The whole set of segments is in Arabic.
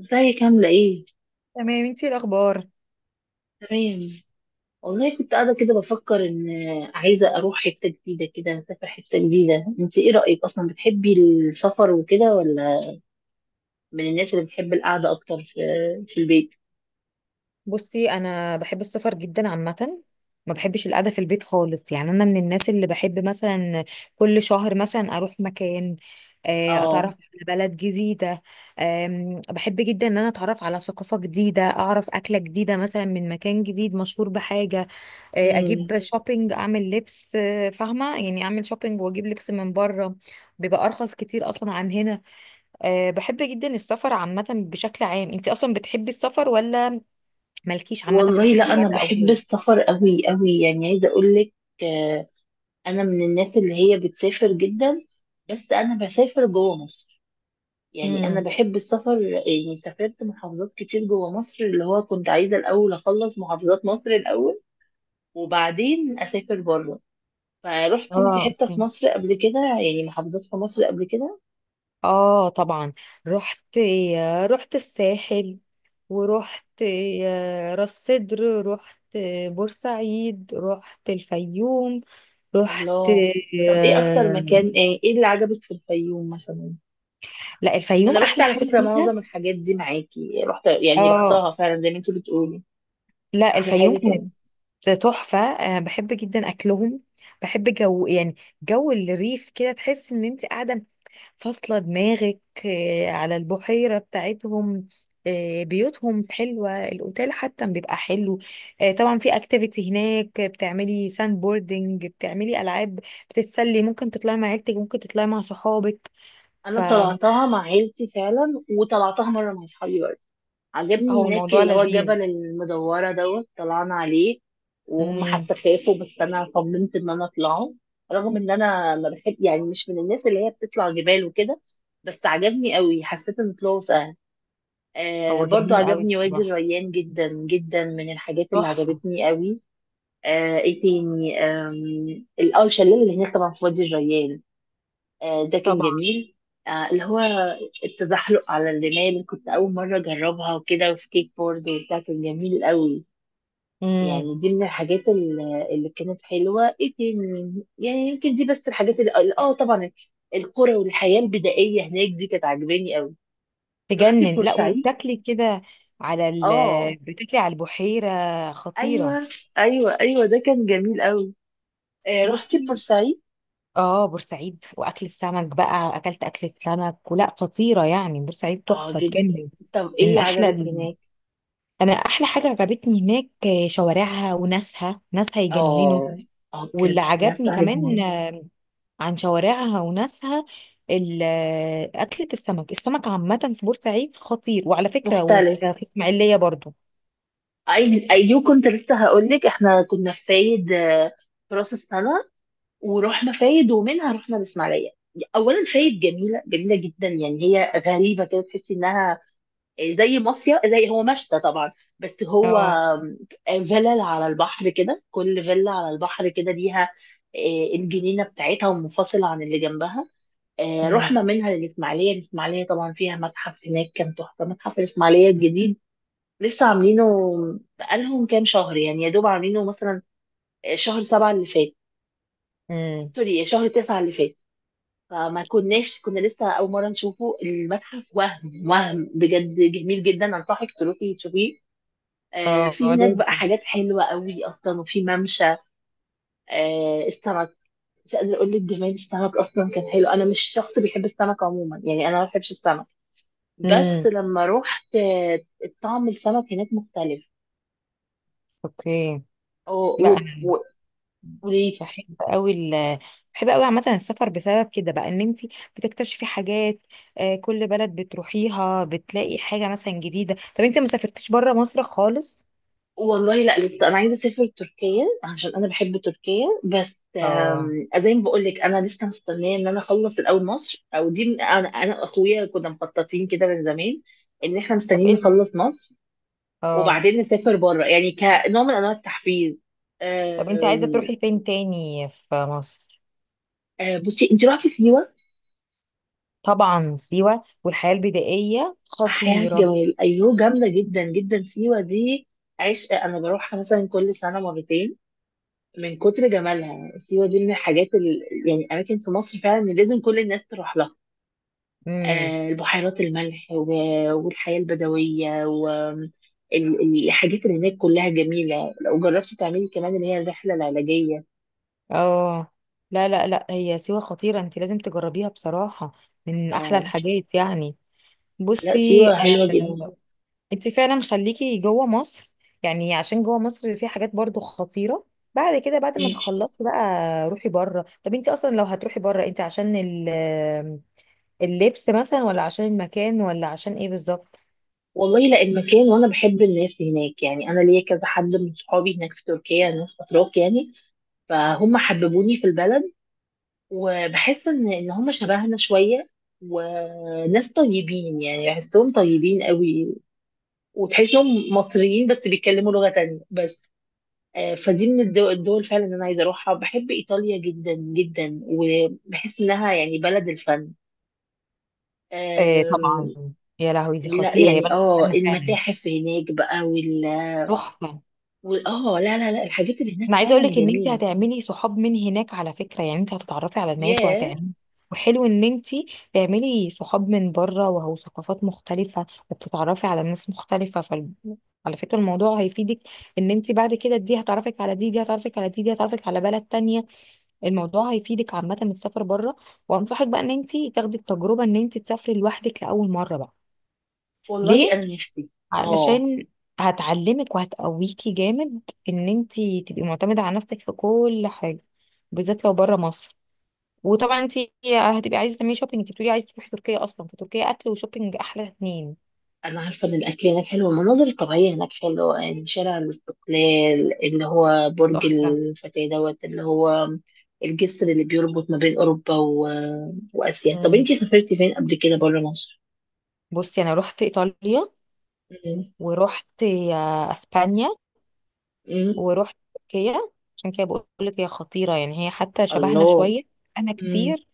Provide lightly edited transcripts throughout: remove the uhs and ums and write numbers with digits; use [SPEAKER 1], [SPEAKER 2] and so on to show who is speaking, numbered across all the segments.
[SPEAKER 1] ازيك عاملة ايه؟
[SPEAKER 2] تمام. انتي إيه الاخبار؟
[SPEAKER 1] تمام. والله كنت قاعدة كده بفكر ان عايزة اروح حتة جديدة كده، اسافر حتة جديدة. انت ايه رأيك اصلا، بتحبي السفر وكده، ولا من الناس اللي بتحب القعدة اكتر في البيت؟
[SPEAKER 2] بصي، انا بحب السفر جدا عامه، ما بحبش القعده في البيت خالص. يعني انا من الناس اللي بحب مثلا كل شهر مثلا اروح مكان، اتعرف
[SPEAKER 1] اه.
[SPEAKER 2] على بلد جديده. بحب جدا ان انا اتعرف على ثقافه جديده، اعرف اكله جديده مثلا من مكان جديد مشهور بحاجه،
[SPEAKER 1] امم.
[SPEAKER 2] اجيب شوبينج، اعمل لبس، فاهمه يعني اعمل شوبينج واجيب لبس من بره، بيبقى ارخص كتير اصلا عن هنا. بحب جدا السفر عامه بشكل عام. انت اصلا بتحبي السفر ولا مالكيش عامة في
[SPEAKER 1] والله
[SPEAKER 2] السفر،
[SPEAKER 1] لا، انا
[SPEAKER 2] بره أو
[SPEAKER 1] بحب
[SPEAKER 2] جوه؟
[SPEAKER 1] السفر قوي قوي، يعني عايزة اقولك، آه، انا من الناس اللي هي بتسافر جدا، بس انا بسافر جوه مصر. يعني انا
[SPEAKER 2] امم.
[SPEAKER 1] بحب السفر، يعني سافرت محافظات كتير جوه مصر، اللي هو كنت عايزة الاول اخلص محافظات مصر الاول وبعدين اسافر بره. فروحتي انت
[SPEAKER 2] اه،
[SPEAKER 1] حته في
[SPEAKER 2] اوكي.
[SPEAKER 1] مصر قبل كده، يعني محافظات في مصر قبل كده؟
[SPEAKER 2] اه طبعا. رحت، رحت الساحل، ورحت راس سدر، رحت بورسعيد، رحت الفيوم، رحت
[SPEAKER 1] الله. طب ايه اكتر
[SPEAKER 2] آه،
[SPEAKER 1] مكان، ايه اللي عجبك في الفيوم مثلا؟
[SPEAKER 2] لا، الفيوم
[SPEAKER 1] انا رحت
[SPEAKER 2] أحلى
[SPEAKER 1] على
[SPEAKER 2] حاجة
[SPEAKER 1] فكره
[SPEAKER 2] فيها.
[SPEAKER 1] معظم الحاجات دي معاكي، رحت يعني
[SPEAKER 2] اه،
[SPEAKER 1] رحتها فعلا زي ما انت بتقولي.
[SPEAKER 2] لا
[SPEAKER 1] احلى
[SPEAKER 2] الفيوم
[SPEAKER 1] حاجه
[SPEAKER 2] كانت
[SPEAKER 1] كمان،
[SPEAKER 2] تحفة. بحب جدا أكلهم، بحب جو يعني جو الريف كده، تحس إن أنت قاعدة فاصلة دماغك على البحيرة بتاعتهم. بيوتهم حلوة، الأوتيل حتى بيبقى حلو. طبعا في اكتيفيتي هناك، بتعملي ساند بوردنج، بتعملي ألعاب، بتتسلي، ممكن تطلعي مع عيلتك، ممكن تطلعي مع صحابك.
[SPEAKER 1] انا
[SPEAKER 2] فهو
[SPEAKER 1] طلعتها مع عيلتي فعلا وطلعتها مره مع اصحابي برضه. عجبني هناك
[SPEAKER 2] الموضوع
[SPEAKER 1] اللي هو
[SPEAKER 2] لذيذ.
[SPEAKER 1] الجبل المدورة دوت طلعنا عليه، وهم
[SPEAKER 2] مم.
[SPEAKER 1] حتى خافوا بس أنا صممت إن أنا أطلعه، رغم إن أنا ما بحب، يعني مش من الناس اللي هي بتطلع جبال وكده، بس عجبني قوي، حسيت إن طلوعه سهل. آه،
[SPEAKER 2] هو
[SPEAKER 1] برضو
[SPEAKER 2] جميل قوي
[SPEAKER 1] عجبني وادي
[SPEAKER 2] الصراحة،
[SPEAKER 1] الريان جدا جدا، من الحاجات اللي
[SPEAKER 2] تحفة.
[SPEAKER 1] عجبتني قوي. ايه تاني؟ آم، ال- اه الشلال اللي هناك طبعا في وادي الريان، ده كان
[SPEAKER 2] طبعا.
[SPEAKER 1] جميل. اللي هو التزحلق على الرمال كنت أول مرة أجربها وكده، وسكيت بورد وبتاع، كان جميل قوي.
[SPEAKER 2] مم.
[SPEAKER 1] يعني دي من الحاجات اللي كانت حلوة. ايه تاني يعني؟ يمكن دي بس الحاجات اللي طبعا القرى والحياة البدائية هناك، دي كانت عاجباني قوي. رحتي
[SPEAKER 2] تجنن. لا،
[SPEAKER 1] بورسعيد؟
[SPEAKER 2] وبتاكلي كده على ال
[SPEAKER 1] اه.
[SPEAKER 2] بتاكلي على البحيرة. خطيرة.
[SPEAKER 1] ايوه، ايوه، ايوه، ده كان جميل قوي. رحتي
[SPEAKER 2] بصي،
[SPEAKER 1] بورسعيد؟
[SPEAKER 2] اه بورسعيد واكل السمك بقى، اكلت اكلة سمك ولا خطيرة يعني. بورسعيد
[SPEAKER 1] اه،
[SPEAKER 2] تحفة
[SPEAKER 1] جدا.
[SPEAKER 2] تجنن.
[SPEAKER 1] طب
[SPEAKER 2] من
[SPEAKER 1] ايه
[SPEAKER 2] احلى
[SPEAKER 1] عجبك
[SPEAKER 2] ال-،
[SPEAKER 1] هناك؟
[SPEAKER 2] انا احلى حاجة عجبتني هناك شوارعها وناسها، ناسها يجننوا.
[SPEAKER 1] اه. اه،
[SPEAKER 2] واللي
[SPEAKER 1] كانت ناس
[SPEAKER 2] عجبني
[SPEAKER 1] عايزة.
[SPEAKER 2] كمان عن شوارعها وناسها، ال- اكلة السمك، السمك عامة في بورسعيد خطير. وعلى فكرة، وفي
[SPEAKER 1] مختلف.
[SPEAKER 2] في اسماعيلية برضو.
[SPEAKER 1] اي ايوه، كنت لسه هقول لك احنا كنا في فايد، في راس السنه، ورحنا فايد ومنها رحنا الاسماعيليه. اولا فايد جميله، جميله جدا. يعني هي غريبه كده، تحسي انها زي مصيف، زي هو مشتى طبعا، بس هو
[SPEAKER 2] اه.
[SPEAKER 1] فيلل على البحر كده، كل فيلا على البحر كده ليها الجنينه بتاعتها ومنفصله عن اللي جنبها.
[SPEAKER 2] امم.
[SPEAKER 1] رحنا منها للاسماعيليه. الاسماعيليه طبعا فيها متحف هناك، كان تحفه، متحف الاسماعيليه الجديد. لسه عاملينه بقالهم كام شهر، يعني يا دوب عاملينه مثلا شهر 7 اللي فات،
[SPEAKER 2] امم.
[SPEAKER 1] سوري شهر 9 اللي فات. فما كناش، كنا لسه أول مرة نشوفه المتحف، وهم بجد جميل جدا، أنصحك تروحي تشوفيه. في
[SPEAKER 2] اه
[SPEAKER 1] هناك بقى
[SPEAKER 2] لازم.
[SPEAKER 1] حاجات حلوة قوي أصلا، وفي ممشى. السمك، مش قادرة أقول لك جمال السمك أصلا، كان حلو. أنا مش شخص بيحب السمك عموما، يعني أنا ما بحبش السمك، بس
[SPEAKER 2] امم.
[SPEAKER 1] لما روحت طعم السمك هناك مختلف.
[SPEAKER 2] اوكي. لا،
[SPEAKER 1] و- و-
[SPEAKER 2] بحب قوي ال بحب قوي عامة السفر بسبب كده بقى، ان انت بتكتشفي حاجات كل بلد بتروحيها بتلاقي حاجة مثلا جديدة. طب انت ما سافرتيش بره مصر خالص؟
[SPEAKER 1] والله لا، لسه انا عايزه اسافر تركيا عشان انا بحب تركيا، بس
[SPEAKER 2] اه.
[SPEAKER 1] زي ما بقول لك انا لسه مستنيه ان انا اخلص الاول مصر، او دي من انا واخويا كنا مخططين كده من زمان ان احنا
[SPEAKER 2] طب
[SPEAKER 1] مستنيين
[SPEAKER 2] ايه ال-،
[SPEAKER 1] نخلص مصر
[SPEAKER 2] اه.
[SPEAKER 1] وبعدين نسافر بره، يعني كنوع من انواع التحفيز.
[SPEAKER 2] طب انت عايزة
[SPEAKER 1] آم،
[SPEAKER 2] تروحي فين تاني في مصر؟
[SPEAKER 1] آه، بصي انت رحتي سيوه؟
[SPEAKER 2] طبعا سيوة، والحياة البدائية
[SPEAKER 1] احياء
[SPEAKER 2] خطيرة.
[SPEAKER 1] جمال، ايوه، جامده جدا جدا سيوه دي، عشق. انا بروحها مثلا كل سنه مرتين من كتر جمالها. سيوة دي من الحاجات يعني أماكن في مصر فعلا اللي لازم كل الناس تروح لها.
[SPEAKER 2] امم.
[SPEAKER 1] البحيرات، الملح، و... والحياة البدوية، والحاجات اللي هناك كلها جميلة، لو جربتي تعملي كمان اللي هي الرحلة العلاجية.
[SPEAKER 2] اه لا لا لا، هي سيوة خطيرة، انت لازم تجربيها بصراحة، من احلى
[SPEAKER 1] اه،
[SPEAKER 2] الحاجات يعني.
[SPEAKER 1] لا
[SPEAKER 2] بصي
[SPEAKER 1] سيوة حلوة جدا.
[SPEAKER 2] انت فعلا خليكي جوه مصر، يعني عشان جوه مصر في حاجات برضو خطيرة، بعد كده، بعد ما
[SPEAKER 1] مم.
[SPEAKER 2] تخلصي بقى روحي بره. طب انت اصلا لو هتروحي بره، انت عشان ال- اللبس مثلا، ولا عشان المكان، ولا عشان ايه بالظبط؟
[SPEAKER 1] والله لا، المكان، وانا بحب الناس هناك، يعني انا ليا كذا حد من صحابي هناك في تركيا، ناس اتراك يعني، فهم حببوني في البلد، وبحس ان هم شبهنا شويه وناس طيبين، يعني بحسهم طيبين قوي، وتحسهم مصريين بس بيتكلموا لغه تانية بس. فدي من الدول فعلا اللي انا عايزه اروحها. بحب ايطاليا جدا جدا، وبحس انها يعني بلد الفن.
[SPEAKER 2] آه طبعا.
[SPEAKER 1] آم،
[SPEAKER 2] يا لهوي، دي
[SPEAKER 1] لا
[SPEAKER 2] خطيرة، هي
[SPEAKER 1] يعني،
[SPEAKER 2] بلد فعلا فعلا
[SPEAKER 1] المتاحف هناك بقى،
[SPEAKER 2] تحفة.
[SPEAKER 1] لا لا لا، الحاجات اللي هناك
[SPEAKER 2] انا عايزه
[SPEAKER 1] فعلا
[SPEAKER 2] اقولك ان انت
[SPEAKER 1] جميله.
[SPEAKER 2] هتعملي صحاب من هناك على فكره، يعني انت هتتعرفي على ناس
[SPEAKER 1] ياه.
[SPEAKER 2] وهتعملي. وحلو ان انت تعملي صحاب من بره، وهو ثقافات مختلفه وبتتعرفي على ناس مختلفه فال... على فكره الموضوع هيفيدك، ان انت بعد كده دي هتعرفك على دي، دي هتعرفك على دي، دي هتعرفك على بلد تانية. الموضوع هيفيدك عامه السفر بره. وانصحك بقى ان انت تاخدي التجربه، ان انت تسافري لوحدك لاول مره بقى.
[SPEAKER 1] والله
[SPEAKER 2] ليه؟
[SPEAKER 1] انا نفسي. اه،
[SPEAKER 2] علشان هتعلمك وهتقويكي جامد، ان انتي تبقي معتمدة على نفسك في كل حاجة، بالذات لو بره مصر. وطبعا انتي هتبقي عايزة تعملي شوبينج، انتي بتقولي عايزة تروحي تركيا، اصلا فتركيا اكل وشوبينج احلى اتنين.
[SPEAKER 1] انا عارفه ان الاكل هناك حلو، المناظر الطبيعيه هناك حلوه، يعني شارع الاستقلال اللي هو برج
[SPEAKER 2] تحفة.
[SPEAKER 1] الفتاه دوت اللي هو الجسر اللي بيربط ما بين اوروبا واسيا. طب
[SPEAKER 2] مم.
[SPEAKER 1] انتي سافرتي فين قبل كده بره مصر؟
[SPEAKER 2] بصي، انا رحت ايطاليا،
[SPEAKER 1] مم.
[SPEAKER 2] ورحت اسبانيا،
[SPEAKER 1] مم.
[SPEAKER 2] ورحت تركيا. عشان كده بقول لك هي خطيرة، يعني هي حتى شبهنا
[SPEAKER 1] الله.
[SPEAKER 2] شوية. انا
[SPEAKER 1] مم.
[SPEAKER 2] كتير،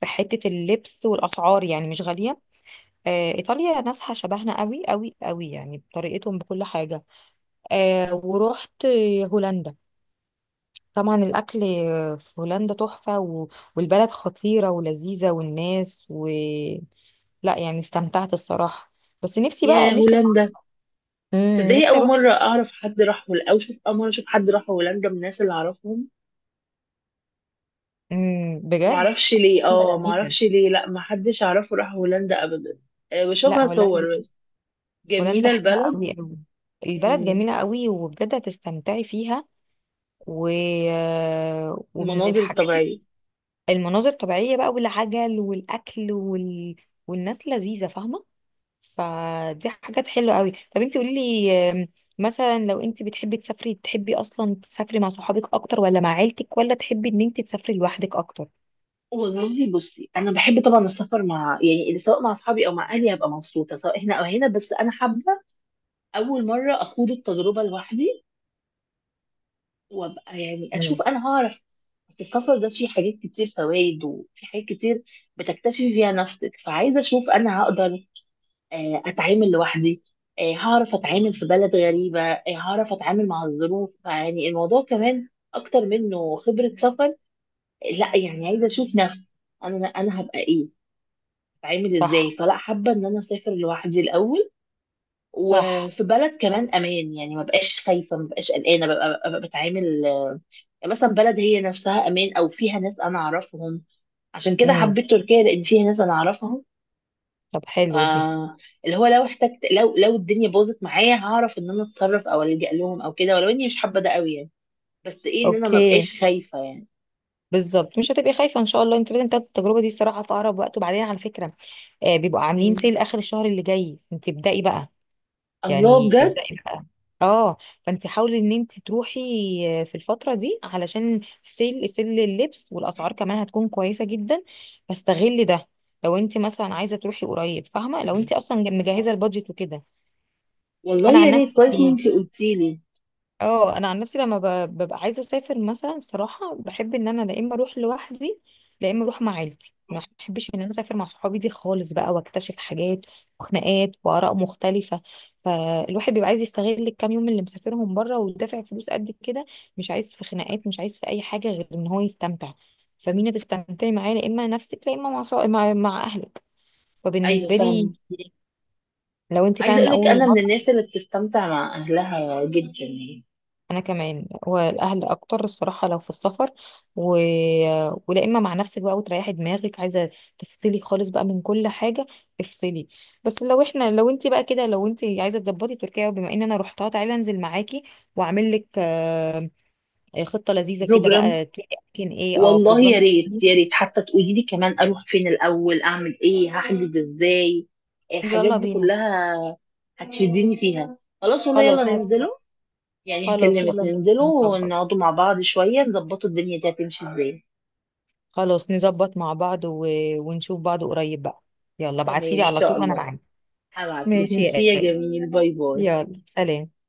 [SPEAKER 2] في حتة اللبس والاسعار يعني مش غالية. ايطاليا ناسها شبهنا قوي قوي قوي، يعني بطريقتهم بكل حاجه. ورحت هولندا. طبعا الاكل في هولندا تحفه، و... والبلد خطيره ولذيذه، والناس و... لا يعني استمتعت الصراحه. بس نفسي بقى،
[SPEAKER 1] يا
[SPEAKER 2] نفسي.
[SPEAKER 1] هولندا.
[SPEAKER 2] امم،
[SPEAKER 1] تصدقي
[SPEAKER 2] نفسي
[SPEAKER 1] اول
[SPEAKER 2] اروح.
[SPEAKER 1] مره اعرف حد راح هولندا، او شوف اول مره اشوف حد راح هولندا من الناس اللي اعرفهم.
[SPEAKER 2] امم، بجد.
[SPEAKER 1] معرفش ليه،
[SPEAKER 2] هولندا جميله.
[SPEAKER 1] معرفش ليه، لا محدش اعرفه راح هولندا ابدا.
[SPEAKER 2] لا،
[SPEAKER 1] بشوفها
[SPEAKER 2] هولندا،
[SPEAKER 1] صور بس.
[SPEAKER 2] هولندا
[SPEAKER 1] جميله
[SPEAKER 2] حلوه
[SPEAKER 1] البلد.
[SPEAKER 2] قوي قوي، البلد
[SPEAKER 1] مم.
[SPEAKER 2] جميله قوي، وبجد هتستمتعي فيها. و... ومن
[SPEAKER 1] المناظر
[SPEAKER 2] الحاجات
[SPEAKER 1] الطبيعية.
[SPEAKER 2] المناظر طبيعية بقى، والعجل، والأكل، وال... والناس لذيذة فاهمة. فدي حاجات حلوة قوي. طب انت قولي لي مثلا لو انت بتحبي تسافري، تحبي اصلا تسافري مع صحابك اكتر، ولا مع عيلتك، ولا تحبي ان انت تسافري لوحدك اكتر؟
[SPEAKER 1] والله بصي انا بحب طبعا السفر مع، يعني سواء مع اصحابي او مع اهلي هبقى مبسوطه، سواء هنا او هنا، بس انا حابه اول مره اخوض التجربه لوحدي وابقى، يعني اشوف
[SPEAKER 2] مم.
[SPEAKER 1] انا هعرف. بس السفر ده فيه حاجات كتير فوائد، وفي حاجات كتير بتكتشفي فيها نفسك، فعايزه اشوف انا هقدر اتعامل لوحدي، هعرف اتعامل في بلد غريبه، هعرف اتعامل مع الظروف. يعني الموضوع كمان اكتر منه خبره سفر، لا يعني عايزه اشوف نفسي انا، انا هبقى ايه، هتعمل ازاي.
[SPEAKER 2] صح.
[SPEAKER 1] فلا، حابه ان انا اسافر لوحدي الاول،
[SPEAKER 2] صح.
[SPEAKER 1] وفي بلد كمان امان، يعني ما بقاش خايفه، ما بقاش قلقانه، ببقى بتعامل. مثلا بلد هي نفسها امان او فيها ناس انا اعرفهم، عشان كده
[SPEAKER 2] امم.
[SPEAKER 1] حبيت تركيا لان فيها ناس انا اعرفهم.
[SPEAKER 2] طب حلو دي.
[SPEAKER 1] آه، اللي هو لو احتجت، لو الدنيا باظت معايا هعرف ان انا اتصرف او الجا لهم او كده، ولو اني مش حابه ده قوي، يعني بس ايه ان انا ما
[SPEAKER 2] اوكي،
[SPEAKER 1] بقاش خايفه يعني.
[SPEAKER 2] بالظبط، مش هتبقي خايفه ان شاء الله. انت لازم تاخدي التجربه دي الصراحه في اقرب وقت. وبعدين على فكره، آه بيبقوا عاملين
[SPEAKER 1] مم.
[SPEAKER 2] سيل اخر الشهر اللي جاي، انت ابدأي بقى،
[SPEAKER 1] الله
[SPEAKER 2] يعني
[SPEAKER 1] بجد.
[SPEAKER 2] ابدأي بقى. اه، فانت حاولي ان انت تروحي في الفتره دي، علشان السيل، السيل لللبس والاسعار كمان هتكون كويسه جدا، فاستغلي ده. لو انت مثلا عايزه تروحي قريب فاهمه، لو انت اصلا مجهزه البادجت وكده.
[SPEAKER 1] والله
[SPEAKER 2] انا
[SPEAKER 1] يا
[SPEAKER 2] عن
[SPEAKER 1] ريت، كويس ان
[SPEAKER 2] نفسي،
[SPEAKER 1] انت قلتي لي.
[SPEAKER 2] اه انا عن نفسي لما ببقى عايزه اسافر مثلا، صراحه بحب ان انا لا اما اروح لوحدي، لا اما اروح مع عيلتي، ما بحبش ان انا اسافر مع صحابي دي خالص بقى، واكتشف حاجات وخناقات واراء مختلفه. فالواحد بيبقى عايز يستغل الكام يوم اللي مسافرهم بره، ودافع فلوس قد كده، مش عايز في خناقات، مش عايز في اي حاجه غير ان هو يستمتع. فمين هتستمتعي معاه؟ لا اما نفسك، لا اما مع مع اهلك.
[SPEAKER 1] ايوه
[SPEAKER 2] فبالنسبه لي،
[SPEAKER 1] فاهمه.
[SPEAKER 2] لو انت
[SPEAKER 1] عايزه
[SPEAKER 2] فعلا
[SPEAKER 1] اقول لك
[SPEAKER 2] لاول
[SPEAKER 1] انا من
[SPEAKER 2] مره،
[SPEAKER 1] الناس اللي بتستمتع مع اهلها جدا يعني.
[SPEAKER 2] انا كمان، والاهل اكتر الصراحه لو في السفر، و... ولا اما مع نفسك بقى وتريحي دماغك، عايزه تفصلي خالص بقى من كل حاجه، افصلي. بس لو احنا، لو انت بقى كده، لو انت عايزه تظبطي تركيا، بما ان انا رحتها، تعالي انزل معاكي واعمل لك خطه لذيذه كده
[SPEAKER 1] بروجرام.
[SPEAKER 2] بقى، تقولي اماكن ايه. اه
[SPEAKER 1] والله يا
[SPEAKER 2] بروجرام.
[SPEAKER 1] ريت يا ريت، حتى تقولي لي كمان اروح فين الاول، اعمل ايه، هحجز ازاي، الحاجات
[SPEAKER 2] يلا
[SPEAKER 1] دي
[SPEAKER 2] بينا.
[SPEAKER 1] كلها هتشدني فيها. خلاص والله، يلا
[SPEAKER 2] خلاص
[SPEAKER 1] ننزله، يعني
[SPEAKER 2] خلاص
[SPEAKER 1] هكلمك
[SPEAKER 2] يلا
[SPEAKER 1] ننزله
[SPEAKER 2] نظبط،
[SPEAKER 1] ونقعدوا مع بعض شويه نظبطوا الدنيا دي هتمشي ازاي.
[SPEAKER 2] خلاص نظبط مع بعض، و... ونشوف بعض قريب بقى. يلا
[SPEAKER 1] تمام
[SPEAKER 2] ابعتيلي
[SPEAKER 1] ان
[SPEAKER 2] على
[SPEAKER 1] شاء
[SPEAKER 2] طول، انا
[SPEAKER 1] الله.
[SPEAKER 2] معاكي.
[SPEAKER 1] هبعتلك،
[SPEAKER 2] ماشي
[SPEAKER 1] ميرسي
[SPEAKER 2] يا،
[SPEAKER 1] يا جميل، باي باي.
[SPEAKER 2] يلا سلام.